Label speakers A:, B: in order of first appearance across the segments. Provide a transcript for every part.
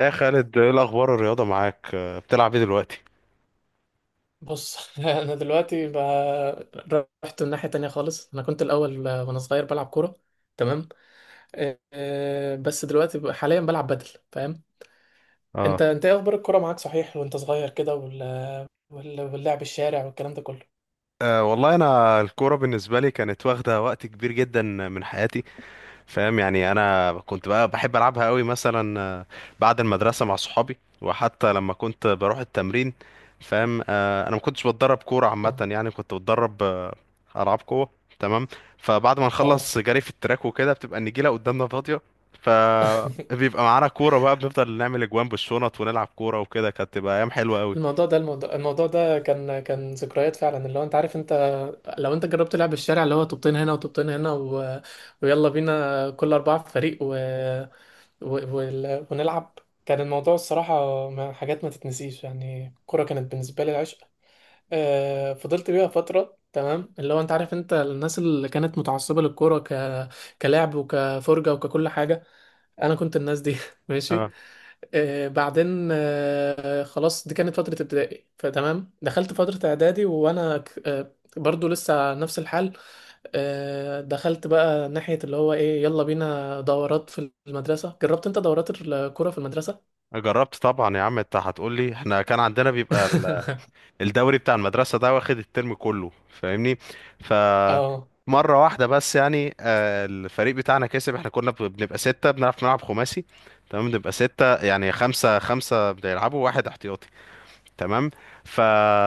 A: يا خالد، ايه الاخبار؟ الرياضه معاك. بتلعب ايه دلوقتي؟
B: بص انا دلوقتي رحت الناحية تانية خالص. انا كنت الاول، وانا صغير بلعب كورة. تمام. بس دلوقتي حاليا بلعب بدل. فاهم؟
A: اه.
B: انت ايه اخبار الكورة معاك؟ صحيح وانت صغير كده واللعب الشارع والكلام ده كله.
A: أه، والله انا الكوره بالنسبه لي كانت واخده وقت كبير جدا من حياتي. فاهم؟ يعني انا كنت بقى بحب العبها قوي، مثلا بعد المدرسه مع صحابي، وحتى لما كنت بروح التمرين. فاهم؟ انا ما كنتش بتدرب كوره عامه،
B: اه،
A: يعني كنت بتدرب العاب قوه. تمام. فبعد ما
B: اه.
A: نخلص جري في التراك وكده بتبقى النجيله قدامنا فاضيه. فبيبقى معانا كوره بقى، بنفضل نعمل اجوان بالشنط ونلعب كوره، وكده كانت تبقى ايام حلوه قوي.
B: الموضوع ده كان ذكريات فعلا، اللي هو انت عارف. انت لو انت جربت لعب الشارع، اللي هو طوبتين هنا وطوبتين هنا ويلا بينا كل اربعة في فريق ونلعب. كان الموضوع الصراحة، حاجات ما تتنسيش. يعني الكورة كانت بالنسبة لي العشق. فضلت بيها فترة. تمام، اللي هو انت عارف، انت الناس اللي كانت متعصبة للكورة كلعب وكفرجة وككل حاجة، انا كنت الناس دي. ماشي.
A: اه.
B: بعدين خلاص، دي كانت فترة ابتدائي. فتمام، دخلت فترة اعدادي وانا برضو لسه نفس الحال. دخلت بقى ناحية اللي هو ايه، يلا بينا دورات في المدرسة. جربت انت دورات الكرة في المدرسة؟
A: جربت طبعا يا عم، انت هتقول لي احنا كان عندنا بيبقى الدوري بتاع المدرسة ده واخد الترم كله. فاهمني؟ ف
B: اه،
A: مرة واحدة بس يعني، الفريق بتاعنا كسب. احنا كنا بنبقى ستة، بنعرف نلعب خماسي. تمام؟ بنبقى ستة، يعني خمسة خمسة بيلعبوا، واحد احتياطي. تمام. ف...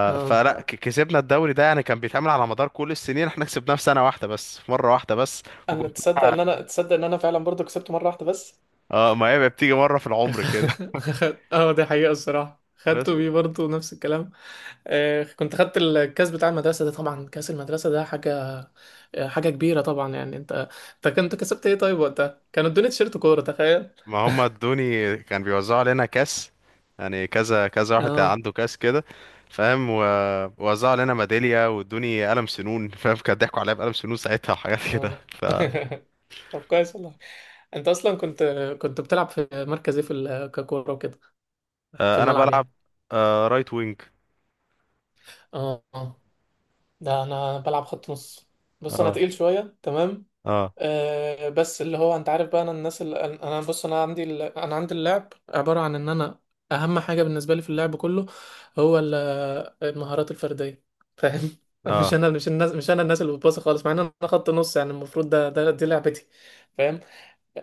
B: اه.
A: كسبنا الدوري ده، يعني كان بيتعمل على مدار كل السنين، احنا كسبناه في سنة واحدة بس، في مرة واحدة بس.
B: انا
A: وكنت
B: تصدق ان انا فعلا برضو كسبت مره واحده بس.
A: اه، ما هي بتيجي مرة في العمر كده.
B: اه، دي حقيقة الصراحة،
A: بس.
B: خدته بيه برضه نفس الكلام. كنت خدت الكاس بتاع المدرسة ده. طبعا كاس المدرسة ده حاجة، حاجة كبيرة طبعا. يعني انت كنت كسبت ايه طيب؟ وقتها كانوا ادوني تيشيرت كورة، تخيل.
A: ما هم ادوني، كان بيوزعوا علينا كاس، يعني كذا كذا واحد
B: اه،
A: عنده كاس كده. فاهم؟ ووزعوا علينا ميدالية، وادوني قلم سنون. فاهم؟ كان ضحكوا عليا بقلم سنون ساعتها وحاجات كده.
B: اه.
A: ف
B: طب كويس والله. انت اصلا كنت بتلعب في مركز ايه ككوره وكده؟ في
A: آه، انا
B: الملعب
A: بلعب
B: يعني.
A: رايت وينج.
B: اه، آه. ده انا بلعب خط نص. بص انا
A: اه،
B: تقيل شويه، تمام.
A: اه،
B: آه، بس اللي هو انت عارف بقى، انا الناس اللي انا بص، انا عندي اللعب عباره عن ان انا اهم حاجه بالنسبه لي في اللعب كله، هو ال- المهارات الفرديه. فاهم؟ مش
A: اه،
B: انا مش الناس مش انا الناس اللي بتباصي خالص، مع ان انا خط نص، يعني المفروض ده دي لعبتي. فاهم؟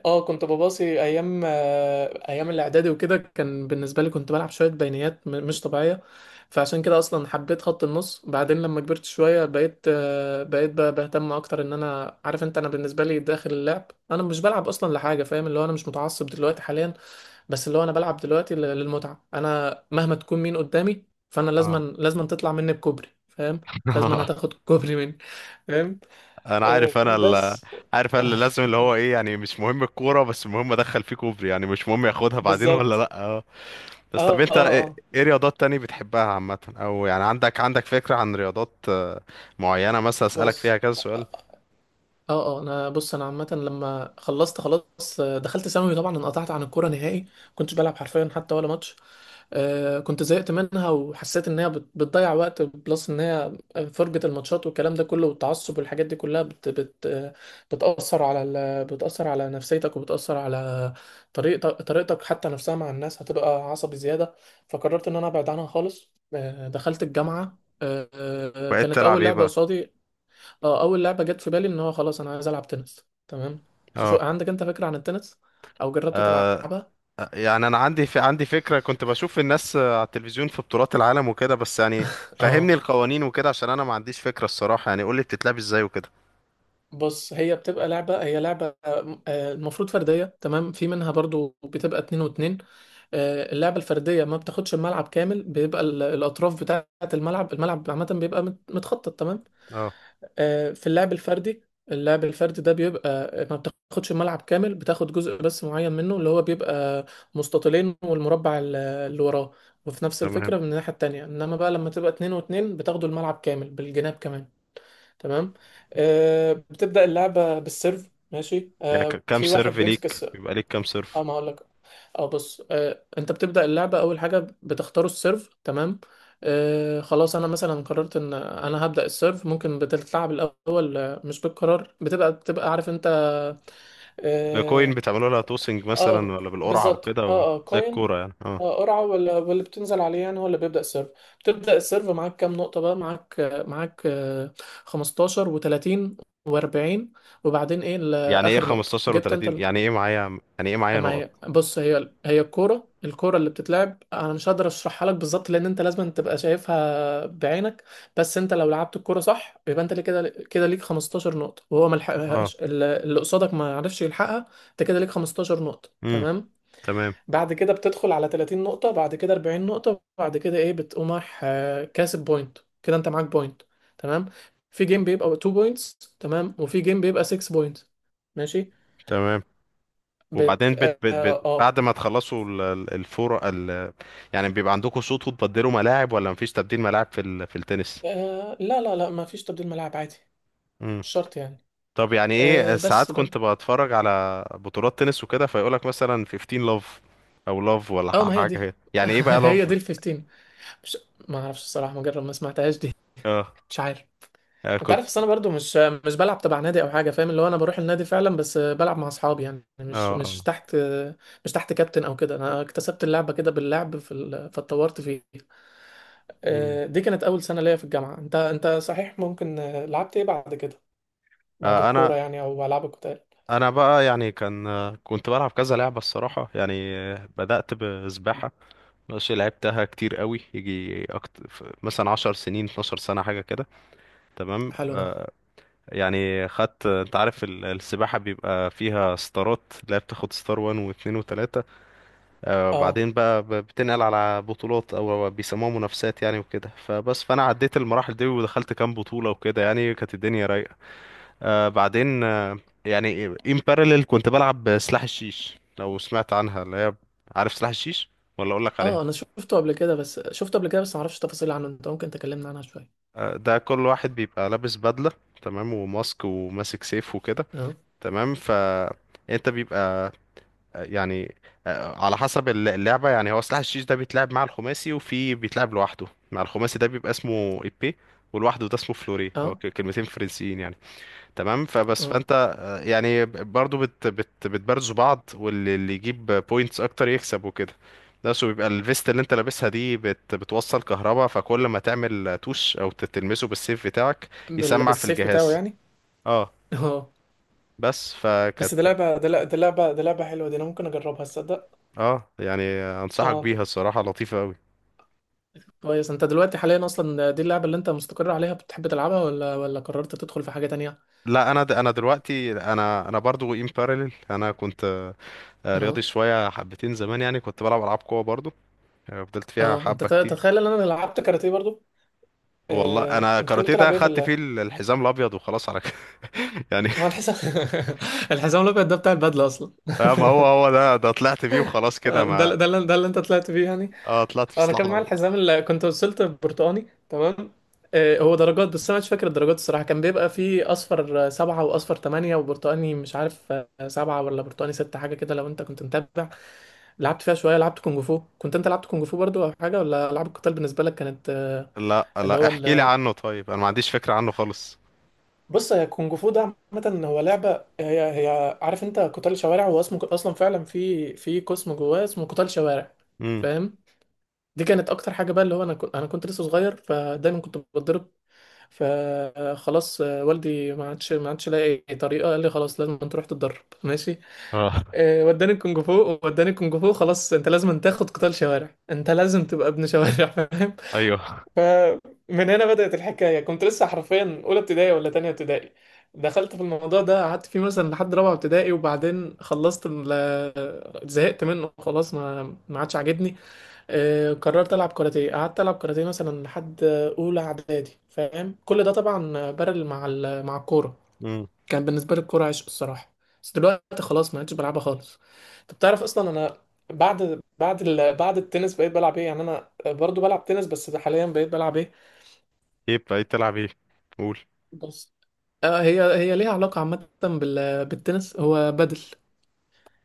B: اه، كنت بباصي ايام، ايام الاعدادي وكده. كان بالنسبه لي كنت بلعب شويه بينيات مش طبيعيه. فعشان كده اصلا حبيت خط النص. بعدين لما كبرت شويه بقيت، بقيت بهتم اكتر. ان انا عارف انت، انا بالنسبه لي داخل اللعب انا مش بلعب اصلا لحاجه، فاهم؟ اللي هو انا مش متعصب دلوقتي حاليا، بس اللي هو انا بلعب دلوقتي للمتعه. انا مهما تكون مين قدامي، فانا لازما
A: اه.
B: لازما تطلع مني بكوبري، فاهم؟ لازما هتاخد كوبري مني. فاهم؟
A: انا
B: آه،
A: عارف.
B: بس
A: عارف انا اللي لازم، اللي هو ايه، يعني مش مهم الكورة، بس المهم ادخل فيه كوبري، يعني مش مهم ياخدها بعدين ولا
B: بالظبط.
A: لا. بس، طب
B: اه،
A: انت ايه
B: اه، اه.
A: ايه رياضات تاني بتحبها عامة؟ او يعني عندك فكرة عن رياضات معينة مثلا اسألك
B: بص،
A: فيها كذا سؤال؟
B: اه، اه، انا بص انا عامه، لما خلصت خلاص، دخلت ثانوي، طبعا انقطعت عن الكوره نهائي، كنتش بلعب حرفيا حتى ولا ماتش. آه، كنت زهقت منها، وحسيت ان هي بتضيع وقت بلس، ان هي فرجه الماتشات والكلام ده كله والتعصب والحاجات دي كلها بت بت آه، بتاثر على بتاثر على نفسيتك، وبتاثر على طريقتك حتى نفسها مع الناس، هتبقى عصبي زياده. فقررت ان انا ابعد عنها خالص. دخلت الجامعه.
A: بقيت
B: كانت
A: تلعب
B: اول
A: ايه
B: لعبه
A: بقى؟
B: قصادي. اه، اول لعبه جت في بالي ان هو خلاص انا عايز العب تنس. تمام، شو
A: اه.
B: عندك انت فكره عن التنس؟ او جربت
A: آه،
B: تلعبها؟
A: يعني انا عندي فكرة، كنت بشوف الناس على التلفزيون في بطولات العالم وكده، بس يعني فهمني
B: اه،
A: القوانين وكده عشان انا ما عنديش فكرة الصراحة. يعني قولي بتتلعب ازاي وكده.
B: بص هي بتبقى لعبة، هي لعبة، المفروض فردية. تمام، في منها برضو بتبقى اتنين واتنين. اللعبة الفردية ما بتاخدش الملعب كامل، بيبقى الأطراف بتاعة الملعب عامة بيبقى متخطط. تمام،
A: اه،
B: في اللعب الفردي، اللعب الفردي ده بيبقى ما بتاخدش الملعب كامل، بتاخد جزء بس معين منه، اللي هو بيبقى مستطيلين والمربع اللي وراه. وفي نفس الفكرة
A: تمام.
B: من الناحية التانية، انما بقى لما تبقى اتنين واتنين بتاخدوا الملعب كامل بالجناب كمان. تمام، بتبدأ اللعبة بالسيرف. ماشي،
A: يعني كام
B: في
A: سيرف
B: واحد بيمسك.
A: ليك؟ بيبقى ليك كام
B: اه،
A: سيرف؟
B: ما هقول لك. اه، بص، آه، انت بتبدأ اللعبة، اول حاجة بتختاروا السيرف. تمام، آه، خلاص انا مثلا قررت ان انا هبدأ السيرف، ممكن بتتلعب الاول، مش بالقرار، بتبقى عارف انت.
A: بكوين
B: اه.
A: بتعملوا لها توسنج مثلا،
B: آه،
A: ولا بالقرعة
B: بالظبط،
A: وكده،
B: اه، اه،
A: زي
B: كوين.
A: الكورة يعني؟ اه.
B: اه، قرعة ولا، واللي بتنزل عليه يعني هو اللي بيبدأ السيرف. بتبدأ السيرف، معاك كام نقطة بقى؟ معاك، معاك، آه، 15 و30 و40. وبعدين ايه
A: يعني ايه
B: اخر نقطة
A: 15
B: جبت
A: و30؟
B: انت؟
A: يعني ايه معايا
B: ما
A: نقط؟
B: هي بص، هي الكوره اللي بتتلعب انا مش هقدر اشرحها لك بالظبط، لان انت لازم تبقى شايفها بعينك. بس انت لو لعبت الكوره صح، يبقى انت ليه كده ليك 15 نقطه، وهو ما
A: اه.
B: لحقهاش، اللي قصادك ما عرفش يلحقها، انت كده ليك 15 نقطه.
A: امم.
B: تمام،
A: تمام.
B: بعد كده بتدخل على 30 نقطه، بعد كده 40 نقطه، بعد كده ايه، بتقوم رايح، كاسب بوينت كده، انت معاك بوينت. تمام، في جيم بيبقى 2 بوينتس، تمام، وفي جيم بيبقى 6 بوينتس. ماشي.
A: تمام،
B: بت
A: وبعدين
B: اه
A: بت بت بت
B: آه،
A: بعد ما تخلصوا الفور يعني بيبقى عندكم شوط وتبدلوا ملاعب، ولا مفيش تبديل ملاعب في التنس؟
B: آه لا، لا، لا، ما فيش تبديل ملاعب عادي،
A: امم.
B: مش شرط يعني.
A: طب يعني ايه
B: آه
A: ساعات
B: بس بل
A: كنت بتفرج على بطولات تنس وكده فيقولك مثلا 15 لاف، او لاف، ولا
B: اه، ما هي
A: حاجه
B: دي
A: هي؟ يعني ايه بقى
B: هي
A: لاف؟
B: دي ال 15. مش، ما اعرفش الصراحه، ما جرب، ما سمعتهاش دي.
A: اه.
B: مش عارف.
A: آه،
B: انت
A: كنت
B: عارف، بس انا برضو مش، مش بلعب تبع نادي او حاجه، فاهم؟ اللي هو انا بروح النادي فعلا، بس بلعب مع اصحابي يعني، مش،
A: اه،
B: مش
A: اه،
B: تحت، مش تحت كابتن او كده. انا اكتسبت اللعبه كده باللعب في فاتطورت فيه.
A: مم.
B: آه، دي كانت اول سنه ليا في الجامعه. انت صحيح، ممكن، لعبت ايه بعد كده؟ بعد
A: آه،
B: الكوره
A: انا
B: يعني، او العاب القتال.
A: انا بقى يعني، كان كنت بلعب كذا لعبه الصراحه، يعني بدات بسباحه. ماشي، لعبتها كتير قوي، يجي مثلا 10 سنين، 12 سنه حاجه كده. تمام.
B: حلو ده.
A: يعني خدت، انت عارف السباحه بيبقى فيها ستارات، لا بتاخد ستار 1 و2 و3،
B: اه،
A: وبعدين بقى بتنقل على بطولات او بيسموها منافسات يعني وكده. فبس، فانا عديت المراحل دي، ودخلت كام بطوله وكده، يعني كانت الدنيا رايقه. بعدين. يعني ان بارلل كنت بلعب سلاح الشيش، لو سمعت عنها، اللي هي، عارف سلاح الشيش؟ ولا اقول لك عليها؟
B: اه، انا شفته قبل كده، بس شفته قبل كده بس ما اعرفش تفاصيل عنه. انت ممكن تكلمنا عنها شويه؟
A: ده كل واحد بيبقى لابس بدلة، تمام، وماسك سيف وكده.
B: اه،
A: تمام. انت بيبقى، آه، يعني على حسب اللعبة. يعني هو سلاح الشيش ده بيتلعب مع الخماسي، وفي بيتلعب لوحده. مع الخماسي ده بيبقى اسمه ايبي، ولوحده ده اسمه فلوري. هو
B: اه،
A: كلمتين فرنسيين يعني. تمام. فبس،
B: اه.
A: فانت يعني برضو بت بت بتبرزوا بعض، واللي يجيب بوينتس اكتر يكسب وكده. بس. وبيبقى الفيست اللي انت لابسها دي بتوصل كهربا، فكل ما تعمل توش او تلمسه بالسيف بتاعك يسمع في
B: بالسيف بتاعه
A: الجهاز.
B: يعني؟
A: اه.
B: اه،
A: بس فكانت.
B: بس دي لعبه، دي لعبه حلوه دي، انا ممكن اجربها تصدق.
A: اه، يعني انصحك
B: اه،
A: بيها الصراحة، لطيفة قوي.
B: كويس. انت دلوقتي حاليا اصلا دي اللعبه اللي انت مستقر عليها، بتحب تلعبها، ولا، ولا قررت تدخل في حاجه تانية؟
A: لا انا، انا دلوقتي، انا برضو ان باراليل، انا كنت
B: اه،
A: رياضي شوية حبتين زمان، يعني كنت بلعب العاب قوة برضو. فضلت فيها
B: اه، انت
A: حبة كتير.
B: تتخيل ان انا لعبت كاراتيه برضو؟
A: والله
B: آه.
A: انا
B: انت كنت
A: كاراتيه ده
B: بتلعب ايه في
A: خدت فيه
B: ال؟
A: الحزام الابيض وخلاص على كده. يعني
B: ما الحزام الحزام الابيض ده بتاع البدله اصلا.
A: ما هو ده طلعت فيه وخلاص كده ما.
B: ده اللي انت طلعت فيه يعني؟
A: اه، طلعت في
B: انا
A: السلاح
B: كان معايا
A: الابيض.
B: الحزام اللي كنت وصلت برتقاني. تمام، هو درجات، بس انا مش فاكر الدرجات الصراحه. كان بيبقى فيه اصفر، سبعة، واصفر تمانية، وبرتقاني مش عارف، سبعة، ولا برتقاني ستة، حاجه كده، لو انت كنت متابع. لعبت فيها شويه، لعبت كونج فو. كنت انت لعبت كونج فو برضو او حاجه؟ ولا العاب القتال بالنسبه لك كانت،
A: لا
B: اللي
A: لا،
B: هو
A: احكي لي
B: ال...
A: عنه طيب، انا ما عنديش فكرة عنه خالص.
B: بص، هي كونج فو ده عامه هو لعبه، هي عارف انت قتال شوارع، هو اسمه اصلا فعلا في قسم جواه اسمه قتال شوارع.
A: امم.
B: فاهم؟ دي كانت اكتر حاجه بقى، اللي هو انا كنت لسه صغير، فدايما كنت بتضرب، فخلاص والدي ما عادش لاقي أي طريقه، قال لي خلاص، لازم انت تروح تتدرب. ماشي،
A: اه.
B: وداني الكونج فو، خلاص انت لازم أن تاخد قتال شوارع، انت لازم تبقى ابن شوارع. فاهم؟
A: ايوه.
B: فمن هنا بدأت الحكايه. كنت لسه حرفيا اولى ابتدائي ولا تانية ابتدائي، دخلت في الموضوع ده، قعدت فيه مثلا لحد رابعه ابتدائي، وبعدين خلصت زهقت منه خلاص، ما عادش عاجبني. قررت العب كاراتيه، قعدت العب كاراتيه مثلا لحد اولى اعدادي. فاهم؟ كل ده طبعا بارل مع مع الكوره.
A: امم.
B: كان بالنسبه لي الكوره عشق الصراحه، بس دلوقتي خلاص ما عدتش بلعبها خالص. انت بتعرف اصلا انا، بعد بعد التنس بقيت بلعب ايه يعني؟ انا برضو بلعب تنس، بس حاليا بقيت بلعب ايه؟
A: ايه بقى إيه تلعب ايه؟ قول.
B: بس، آه، هي ليها علاقه عامه بالتنس، هو بدل.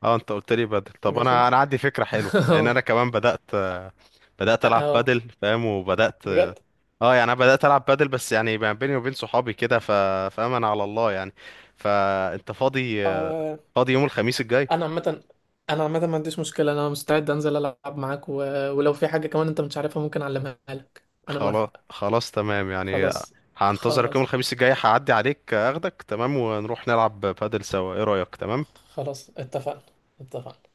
A: اه، انت قلت لي بدل. طب
B: ماشي،
A: انا انا عندي فكرة حلوة، لان
B: اه،
A: انا كمان بدأت العب
B: اه،
A: بدل. فاهم؟ وبدأت. اه،
B: بجد.
A: يعني انا بدأت العب بدل، بس يعني ما بيني وبين صحابي كده، فاهم؟ انا على الله يعني. فانت فاضي يوم الخميس الجاي؟
B: انا عامه انا عامه ما عنديش مشكله، انا مستعد انزل العب معاك ولو في حاجه كمان انت مش عارفها ممكن اعلمها لك، انا
A: خلاص،
B: موافق.
A: خلاص، تمام يعني.
B: خلاص.
A: هنتظرك يوم
B: خلاص
A: الخميس الجاي، هعدي عليك اخدك، تمام، ونروح نلعب بادل سوا. ايه رأيك؟ تمام.
B: خلاص اتفقنا، اتفقنا.